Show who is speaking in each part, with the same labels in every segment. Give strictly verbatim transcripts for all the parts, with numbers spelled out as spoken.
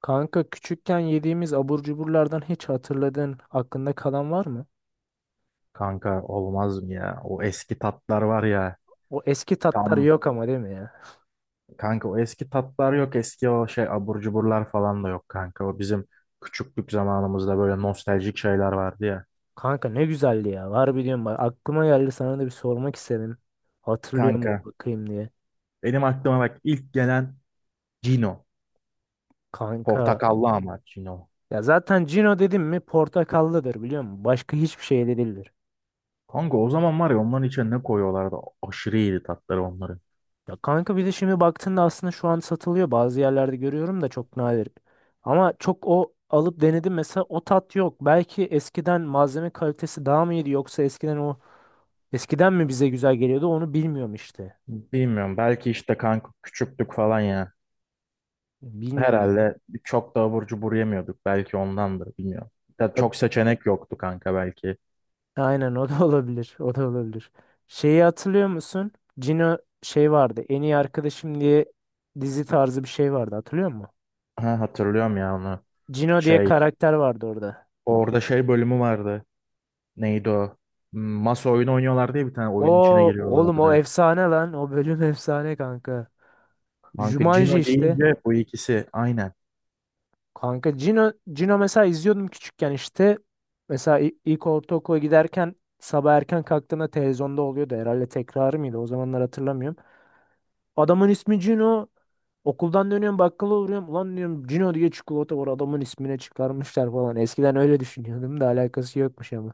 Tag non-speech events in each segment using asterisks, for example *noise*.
Speaker 1: Kanka küçükken yediğimiz abur cuburlardan hiç hatırladığın aklında kalan var mı?
Speaker 2: Kanka olmaz mı ya? O eski tatlar var ya.
Speaker 1: O eski tatlar
Speaker 2: Tam
Speaker 1: yok ama, değil mi ya?
Speaker 2: kanka, o eski tatlar yok. Eski o şey abur cuburlar falan da yok kanka. O bizim küçüklük zamanımızda böyle nostaljik şeyler vardı ya.
Speaker 1: Kanka ne güzeldi ya. Var biliyorum, bak aklıma geldi, sana da bir sormak istedim. Hatırlıyor mu
Speaker 2: Kanka
Speaker 1: bakayım diye.
Speaker 2: benim aklıma bak ilk gelen Cino.
Speaker 1: Kanka,
Speaker 2: Portakallı ama Cino.
Speaker 1: ya zaten Cino dedim mi portakallıdır, biliyor musun? Başka hiçbir şey de değildir.
Speaker 2: Kanka o zaman var ya, onların içine ne koyuyorlardı? Aşırı iyiydi tatları onların.
Speaker 1: Ya kanka, bir de şimdi baktığında aslında şu an satılıyor. Bazı yerlerde görüyorum da çok nadir. Ama çok o alıp denedim, mesela o tat yok. Belki eskiden malzeme kalitesi daha mı iyiydi, yoksa eskiden o, eskiden mi bize güzel geliyordu, onu bilmiyorum işte.
Speaker 2: Bilmiyorum, belki işte kanka küçüklük falan ya.
Speaker 1: Bilmiyorum.
Speaker 2: Herhalde çok da abur cubur yemiyorduk. Belki ondandır, bilmiyorum. Ya
Speaker 1: E,
Speaker 2: çok seçenek yoktu kanka belki.
Speaker 1: Aynen, o da *laughs* olabilir. O da olabilir. Şeyi hatırlıyor musun? Cino şey vardı. En iyi arkadaşım diye dizi tarzı bir şey vardı. Hatırlıyor musun?
Speaker 2: Ha, hatırlıyorum ya onu.
Speaker 1: Cino diye
Speaker 2: Şey,
Speaker 1: karakter vardı orada.
Speaker 2: orada şey bölümü vardı. Neydi o? Hmm, Masa oyunu oynuyorlar diye bir tane
Speaker 1: O,
Speaker 2: oyunun içine
Speaker 1: oğlum, o
Speaker 2: giriyorlardı.
Speaker 1: efsane lan. O bölüm *laughs* efsane kanka.
Speaker 2: Kanka
Speaker 1: Jumanji
Speaker 2: Cino
Speaker 1: işte.
Speaker 2: deyince bu ikisi aynen.
Speaker 1: Kanka Cino, Cino mesela izliyordum küçükken işte. Mesela i- ilk ortaokula giderken sabah erken kalktığında televizyonda oluyordu. Herhalde tekrarı mıydı? O zamanlar hatırlamıyorum. Adamın ismi Cino. Okuldan dönüyorum, bakkala uğruyorum. Ulan diyorum, Cino diye çikolata var, adamın ismine çıkarmışlar falan. Eskiden öyle düşünüyordum da alakası yokmuş ama.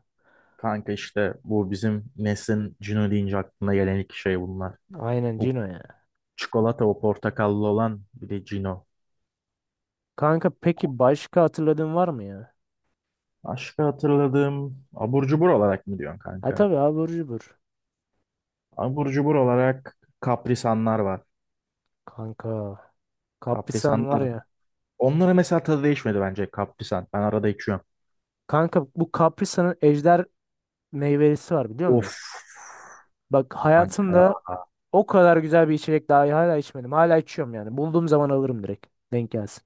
Speaker 2: Kanka işte bu bizim neslin Cino deyince aklına gelen iki şey bunlar.
Speaker 1: Aynen,
Speaker 2: O
Speaker 1: Cino ya.
Speaker 2: çikolata, o portakallı olan bir de Cino.
Speaker 1: Kanka, peki başka hatırladığın var mı ya?
Speaker 2: Başka hatırladığım abur cubur olarak mı diyorsun
Speaker 1: Ha,
Speaker 2: kanka?
Speaker 1: tabii, abur cubur.
Speaker 2: Abur cubur olarak kaprisanlar var.
Speaker 1: Kanka. Kaprisan var
Speaker 2: Kaprisanlar.
Speaker 1: ya.
Speaker 2: Onlara mesela tadı değişmedi bence kaprisan. Ben arada içiyorum.
Speaker 1: Kanka, bu Kaprisan'ın ejder meyvelisi var, biliyor musun?
Speaker 2: Of
Speaker 1: Bak, hayatımda
Speaker 2: kanka.
Speaker 1: o kadar güzel bir içecek daha hala içmedim. Hala içiyorum yani. Bulduğum zaman alırım direkt. Denk gelsin.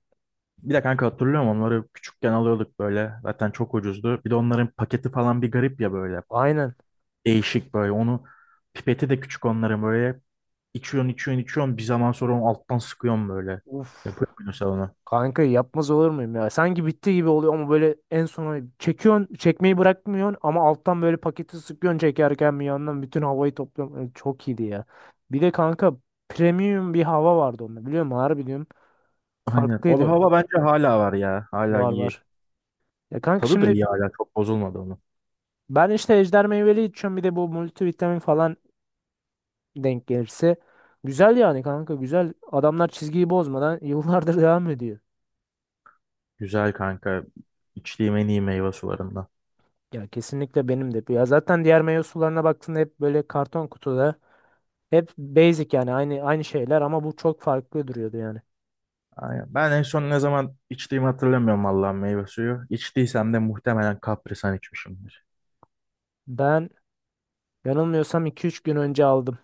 Speaker 2: Bir de kanka hatırlıyorum onları, küçükken alıyorduk böyle. Zaten çok ucuzdu. Bir de onların paketi falan bir garip ya böyle.
Speaker 1: Aynen.
Speaker 2: Değişik böyle. Onu, pipeti de küçük onların böyle. İçiyorsun içiyorsun içiyorsun. Bir zaman sonra onu alttan sıkıyorsun böyle.
Speaker 1: Uf.
Speaker 2: Yapıyor musun sen onu?
Speaker 1: Kanka, yapmaz olur muyum ya? Sanki bitti gibi oluyor ama böyle en sona çekiyorsun, çekmeyi bırakmıyorsun ama alttan böyle paketi sıkıyorsun, çekerken bir yandan bütün havayı topluyorsun. Ay, çok iyiydi ya. Bir de kanka, premium bir hava vardı onda, biliyor musun? Harbi diyorum.
Speaker 2: Aynen. O
Speaker 1: Farklıydı.
Speaker 2: hava bence hala var ya. Hala
Speaker 1: Var
Speaker 2: iyi.
Speaker 1: var. Ya kanka,
Speaker 2: Tadı da
Speaker 1: şimdi
Speaker 2: iyi hala. Çok bozulmadı onun.
Speaker 1: ben işte ejder meyveli içiyorum, bir de bu multivitamin falan denk gelirse. Güzel yani kanka, güzel. Adamlar çizgiyi bozmadan *laughs* yıllardır devam ediyor.
Speaker 2: Güzel kanka. İçtiğim en iyi meyve sularından.
Speaker 1: Ya kesinlikle, benim de. Ya zaten diğer meyve sularına baktığında hep böyle karton kutuda. Hep basic yani, aynı aynı şeyler, ama bu çok farklı duruyordu yani.
Speaker 2: Aynen. Ben en son ne zaman içtiğimi hatırlamıyorum vallahi, meyve suyu. İçtiysem de muhtemelen kaprisan içmişim.
Speaker 1: Ben yanılmıyorsam iki üç gün önce aldım.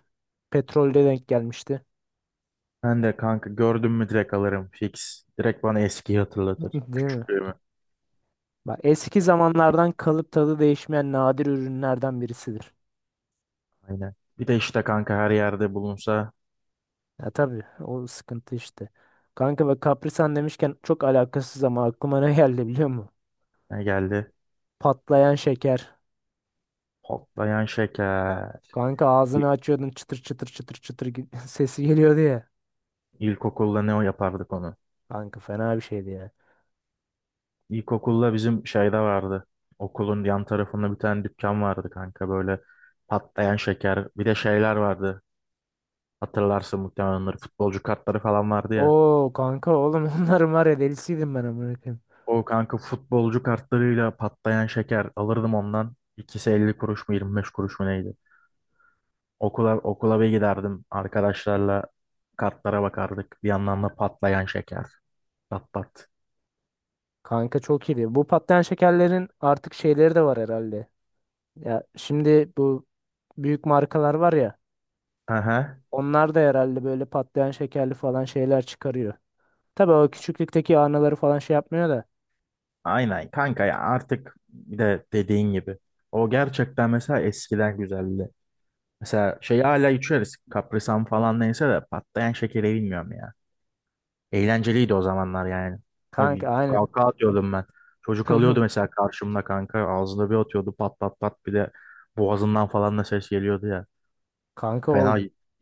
Speaker 1: Petrolde denk gelmişti.
Speaker 2: Ben de kanka, gördüm mü direkt alırım fix. Direkt bana eskiyi hatırlatır.
Speaker 1: *laughs* Değil mi?
Speaker 2: Küçüklüğümü.
Speaker 1: Bak, eski zamanlardan kalıp tadı değişmeyen nadir ürünlerden birisidir.
Speaker 2: Aynen. Bir de işte kanka her yerde bulunsa.
Speaker 1: Ya tabii, o sıkıntı işte. Kanka, ve kaprisan demişken çok alakasız ama aklıma ne *laughs* geldi, biliyor musun?
Speaker 2: Ne geldi?
Speaker 1: Patlayan şeker.
Speaker 2: Patlayan şeker.
Speaker 1: Kanka, ağzını
Speaker 2: İl-
Speaker 1: açıyordun, çıtır çıtır çıtır çıtır gi- *laughs* sesi geliyordu ya.
Speaker 2: İlkokulda ne o yapardık onu?
Speaker 1: Kanka, fena bir şeydi ya.
Speaker 2: İlkokulda bizim şeyde vardı. Okulun yan tarafında bir tane dükkan vardı kanka, böyle patlayan şeker. Bir de şeyler vardı. Hatırlarsın muhtemelen onları. Futbolcu kartları falan vardı ya.
Speaker 1: Oo kanka, oğlum, *laughs* onların var ya, delisiydim ben amına koyayım.
Speaker 2: O kanka, futbolcu kartlarıyla patlayan şeker alırdım ondan. İkisi elli kuruş mu yirmi beş kuruş mu neydi? Okula, okula bir giderdim. Arkadaşlarla kartlara bakardık. Bir yandan da patlayan şeker. Pat pat.
Speaker 1: Kanka, çok iyiydi. Bu patlayan şekerlerin artık şeyleri de var herhalde. Ya şimdi bu büyük markalar var ya.
Speaker 2: Aha.
Speaker 1: Onlar da herhalde böyle patlayan şekerli falan şeyler çıkarıyor. Tabii o küçüklükteki anıları falan şey yapmıyor da.
Speaker 2: Aynen kanka ya, artık bir de dediğin gibi. O gerçekten mesela eskiden güzeldi. Mesela şeyi hala içeriz. Kaprisan falan neyse de patlayan şekeri bilmiyorum ya. Eğlenceliydi o zamanlar yani.
Speaker 1: Kanka aynen.
Speaker 2: Kalka atıyordum ben. Çocuk alıyordu
Speaker 1: *laughs*
Speaker 2: mesela karşımda kanka. Ağzına bir atıyordu pat pat pat. Bir de boğazından falan da ses geliyordu ya.
Speaker 1: Kanka o
Speaker 2: Fena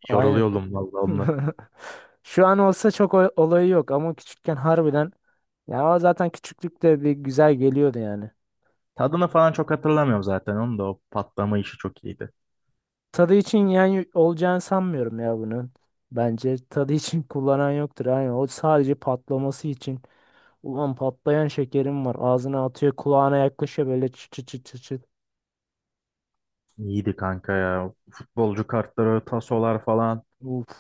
Speaker 1: aynen.
Speaker 2: yoruluyordum vallahi onunla.
Speaker 1: *laughs* Şu an olsa çok o- olayı yok ama küçükken harbiden, ya o zaten küçüklükte bir güzel geliyordu yani.
Speaker 2: Tadını falan çok hatırlamıyorum zaten. Onun da o patlama işi çok iyiydi.
Speaker 1: Tadı için yani olacağını sanmıyorum ya bunun. Bence tadı için *laughs* kullanan yoktur. Yani o sadece patlaması için. Ulan, patlayan şekerim var. Ağzına atıyor, kulağına yaklaşıyor böyle, çıt çıt çıt çıt, çıt.
Speaker 2: İyiydi kanka ya. Futbolcu kartları, tasolar falan.
Speaker 1: Uf.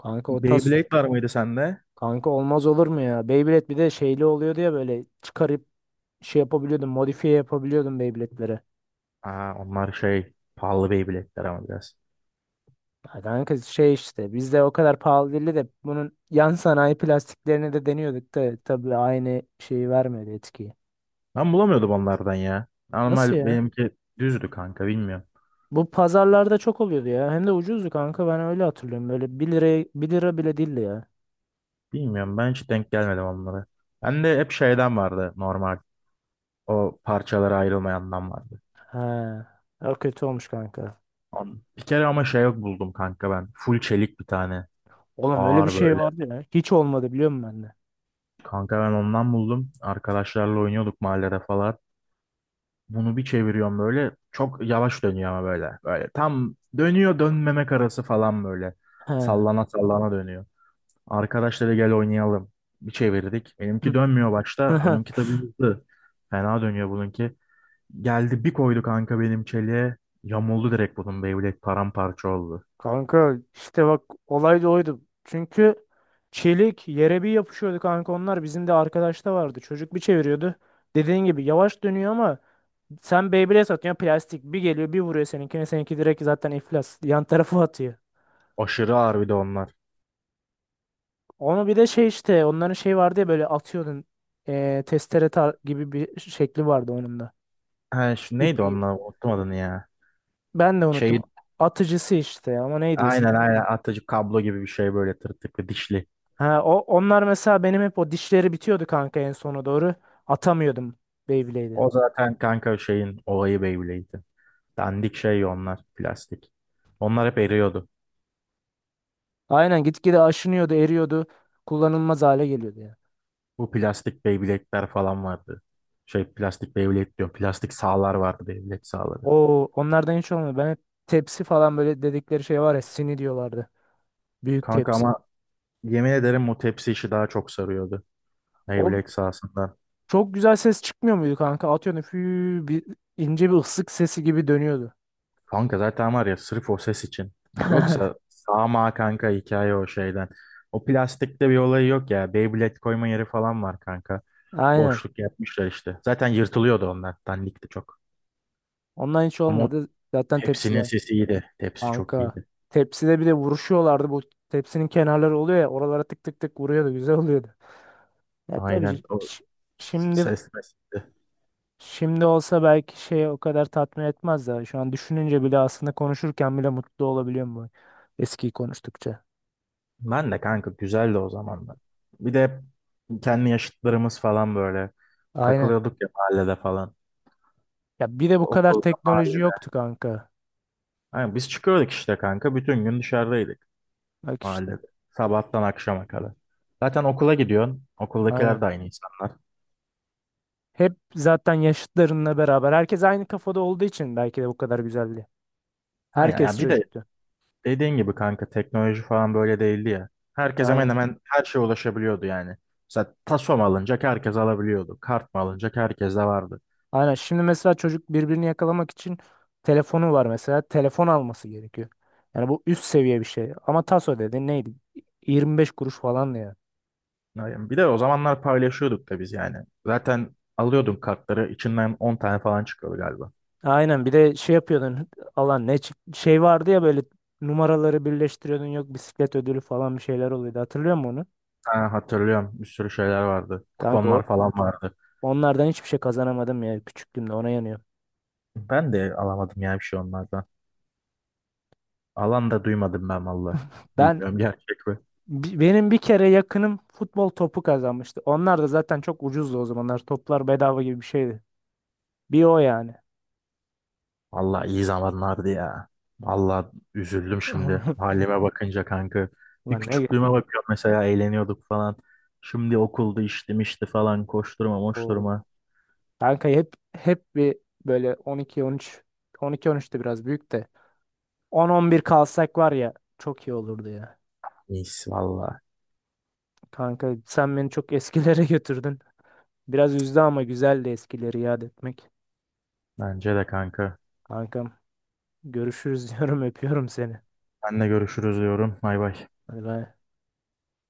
Speaker 1: Kanka o tas,
Speaker 2: Beyblade var mıydı sende?
Speaker 1: kanka olmaz olur mu ya? Beyblade bir de şeyli oluyordu ya, böyle çıkarıp şey yapabiliyordum, modifiye yapabiliyordum Beyblade'lere.
Speaker 2: Aa, onlar şey pahalı Beyblade'ler ama biraz.
Speaker 1: Ya kanka, şey işte bizde o kadar pahalı değildi de bunun yan sanayi plastiklerini de deniyorduk, da tabii aynı şeyi vermedi, etkiyi.
Speaker 2: Ben bulamıyordum onlardan ya.
Speaker 1: Nasıl
Speaker 2: Normal
Speaker 1: ya?
Speaker 2: benimki düzdü kanka, bilmiyorum.
Speaker 1: Bu pazarlarda çok oluyordu ya. Hem de ucuzdu kanka. Ben öyle hatırlıyorum. Böyle bir liraya, bir lira bile değildi ya.
Speaker 2: Bilmiyorum, ben hiç denk gelmedim onlara. Ben de hep şeyden vardı normal. O parçalara ayrılmayandan vardı.
Speaker 1: He. Ya kötü olmuş kanka.
Speaker 2: An- Bir kere ama şey buldum kanka ben. Full çelik bir tane.
Speaker 1: Oğlum, öyle bir
Speaker 2: Ağır
Speaker 1: şey
Speaker 2: böyle.
Speaker 1: vardı ya. Hiç olmadı, biliyor musun bende?
Speaker 2: Kanka ben ondan buldum. Arkadaşlarla oynuyorduk mahallede falan. Bunu bir çeviriyorum böyle. Çok yavaş dönüyor ama böyle. Böyle tam dönüyor dönmemek arası falan böyle.
Speaker 1: He.
Speaker 2: Sallana sallana dönüyor. Arkadaşları gel oynayalım. Bir çevirdik. Benimki dönmüyor başta. Onunki
Speaker 1: *laughs*
Speaker 2: tabii hızlı. Fena dönüyor bununki. Geldi bir koydu kanka benim çeliğe. Yamuldu direkt, bunun Beyblade paramparça oldu.
Speaker 1: Kanka işte bak, olay da oydu. Çünkü çelik yere bir yapışıyordu kanka onlar. Bizim de arkadaşta vardı. Çocuk bir çeviriyordu. Dediğin gibi yavaş dönüyor ama sen Beyblade satıyorsun plastik. Bir geliyor, bir vuruyor seninkine. Seninki direkt zaten iflas. Yan tarafı atıyor.
Speaker 2: Aşırı ağır bir de onlar.
Speaker 1: Onu bir de şey işte, onların şey vardı ya böyle, atıyordun. Eee testere tar- gibi bir şekli vardı onun da.
Speaker 2: Ha, şu neydi
Speaker 1: İpi.
Speaker 2: onlar? Unuttum adını ya.
Speaker 1: Ben de unuttum.
Speaker 2: Şey,
Speaker 1: Atıcısı işte, ama neydi ismi?
Speaker 2: aynen aynen atıcı kablo gibi bir şey, böyle tırtıklı dişli.
Speaker 1: Ha, o, onlar mesela benim hep o dişleri bitiyordu kanka en sona doğru. Atamıyordum Beyblade'i.
Speaker 2: O zaten kanka şeyin olayı Beyblade'di. Dandik şey onlar, plastik. Onlar hep eriyordu.
Speaker 1: Aynen, gitgide aşınıyordu, eriyordu. Kullanılmaz hale geliyordu ya.
Speaker 2: Bu plastik Beyblade'ler falan vardı. Şey plastik Beyblade diyor. Plastik sağlar vardı, Beyblade sağları.
Speaker 1: O onlardan hiç olmadı. Ben hep tepsi falan, böyle dedikleri şey var ya, sini diyorlardı. Büyük
Speaker 2: Kanka
Speaker 1: tepsi.
Speaker 2: ama yemin ederim bu tepsi işi daha çok sarıyordu.
Speaker 1: O,
Speaker 2: Beyblade sahasında.
Speaker 1: çok güzel ses çıkmıyor muydu kanka? Atıyorsun, fü, bir ince bir ıslık sesi gibi dönüyordu.
Speaker 2: Kanka zaten var ya sırf o ses için. Yoksa ama kanka hikaye o şeyden. O plastikte bir olayı yok ya. Beyblade koyma yeri falan var kanka.
Speaker 1: Aynen.
Speaker 2: Boşluk yapmışlar işte. Zaten yırtılıyordu onlar. Dandikti çok.
Speaker 1: Ondan hiç
Speaker 2: Ama o
Speaker 1: olmadı. Zaten
Speaker 2: tepsinin
Speaker 1: tepsiler.
Speaker 2: sesi iyiydi. Tepsi çok
Speaker 1: Kanka.
Speaker 2: iyiydi.
Speaker 1: Tepside bir de vuruşuyorlardı. Bu tepsinin kenarları oluyor ya. Oralara tık tık tık vuruyordu. Güzel oluyordu. Ya tabii
Speaker 2: Aynen,
Speaker 1: şi-
Speaker 2: o
Speaker 1: şi- şimdi
Speaker 2: ses meselesi.
Speaker 1: şimdi olsa belki şey o kadar tatmin etmez de. Şu an düşününce bile, aslında konuşurken bile mutlu olabiliyorum bu eskiyi konuştukça.
Speaker 2: Ben de kanka, güzeldi o zamanlar. Bir de hep kendi yaşıtlarımız falan böyle
Speaker 1: Aynen.
Speaker 2: takılıyorduk ya mahallede falan.
Speaker 1: Ya bir de bu kadar
Speaker 2: Okulda,
Speaker 1: teknoloji
Speaker 2: mahallede.
Speaker 1: yoktu kanka.
Speaker 2: Yani biz çıkıyorduk işte kanka. Bütün gün dışarıdaydık.
Speaker 1: Bak işte.
Speaker 2: Mahallede. Sabahtan akşama kadar. Zaten okula gidiyorsun.
Speaker 1: Aynen.
Speaker 2: Okuldakiler de aynı insanlar.
Speaker 1: Hep zaten yaşıtlarınla beraber. Herkes aynı kafada olduğu için belki de bu kadar güzeldi.
Speaker 2: Aynen
Speaker 1: Herkes
Speaker 2: ya, bir de
Speaker 1: çocuktu.
Speaker 2: dediğin gibi kanka teknoloji falan böyle değildi ya. Herkes hemen
Speaker 1: Aynen.
Speaker 2: hemen her şeye ulaşabiliyordu yani. Mesela taso mu alınacak, herkes alabiliyordu. Kart mı alınacak, herkes de vardı.
Speaker 1: Aynen. Şimdi mesela çocuk birbirini yakalamak için telefonu var mesela. Telefon alması gerekiyor. Yani bu üst seviye bir şey. Ama taso, dedi neydi? yirmi beş kuruş falan ya.
Speaker 2: Yani bir de o zamanlar paylaşıyorduk da biz yani. Zaten alıyordum kartları, içinden on tane falan çıkıyordu galiba.
Speaker 1: Aynen, bir de şey yapıyordun, alan ne çık- şey vardı ya böyle, numaraları birleştiriyordun, yok bisiklet ödülü falan bir şeyler oluyordu, hatırlıyor musun onu?
Speaker 2: Ha, hatırlıyorum, bir sürü şeyler vardı.
Speaker 1: Kanka o-
Speaker 2: Kuponlar falan vardı.
Speaker 1: onlardan hiçbir şey kazanamadım ya küçüklüğümde, ona yanıyor.
Speaker 2: Ben de alamadım ya bir şey onlardan. Alan da duymadım ben valla.
Speaker 1: Ben,
Speaker 2: Bilmiyorum, gerçek mi?
Speaker 1: Bi- benim bir kere yakınım futbol topu kazanmıştı. Onlar da zaten çok ucuzdu o zamanlar. Toplar bedava gibi bir şeydi. Bir o yani.
Speaker 2: Valla iyi zamanlardı ya. Valla üzüldüm şimdi
Speaker 1: *laughs*
Speaker 2: halime bakınca kanka. Bir
Speaker 1: Lan ne?
Speaker 2: küçüklüğüme bakıyorum, mesela eğleniyorduk falan. Şimdi okulda iştim işte falan, koşturma
Speaker 1: O
Speaker 2: moşturma.
Speaker 1: kanka, hep hep bir böyle on iki on üç, on iki on üç de biraz büyük de, on on bir kalsak var ya, çok iyi olurdu ya.
Speaker 2: Neyse valla.
Speaker 1: Kanka sen beni çok eskilere *laughs* götürdün. Biraz üzdü ama güzeldi eskileri yad etmek.
Speaker 2: Bence de kanka.
Speaker 1: Kankam, görüşürüz *laughs* diyorum, öpüyorum seni.
Speaker 2: Senle görüşürüz diyorum. Bay bay.
Speaker 1: Hadi bay.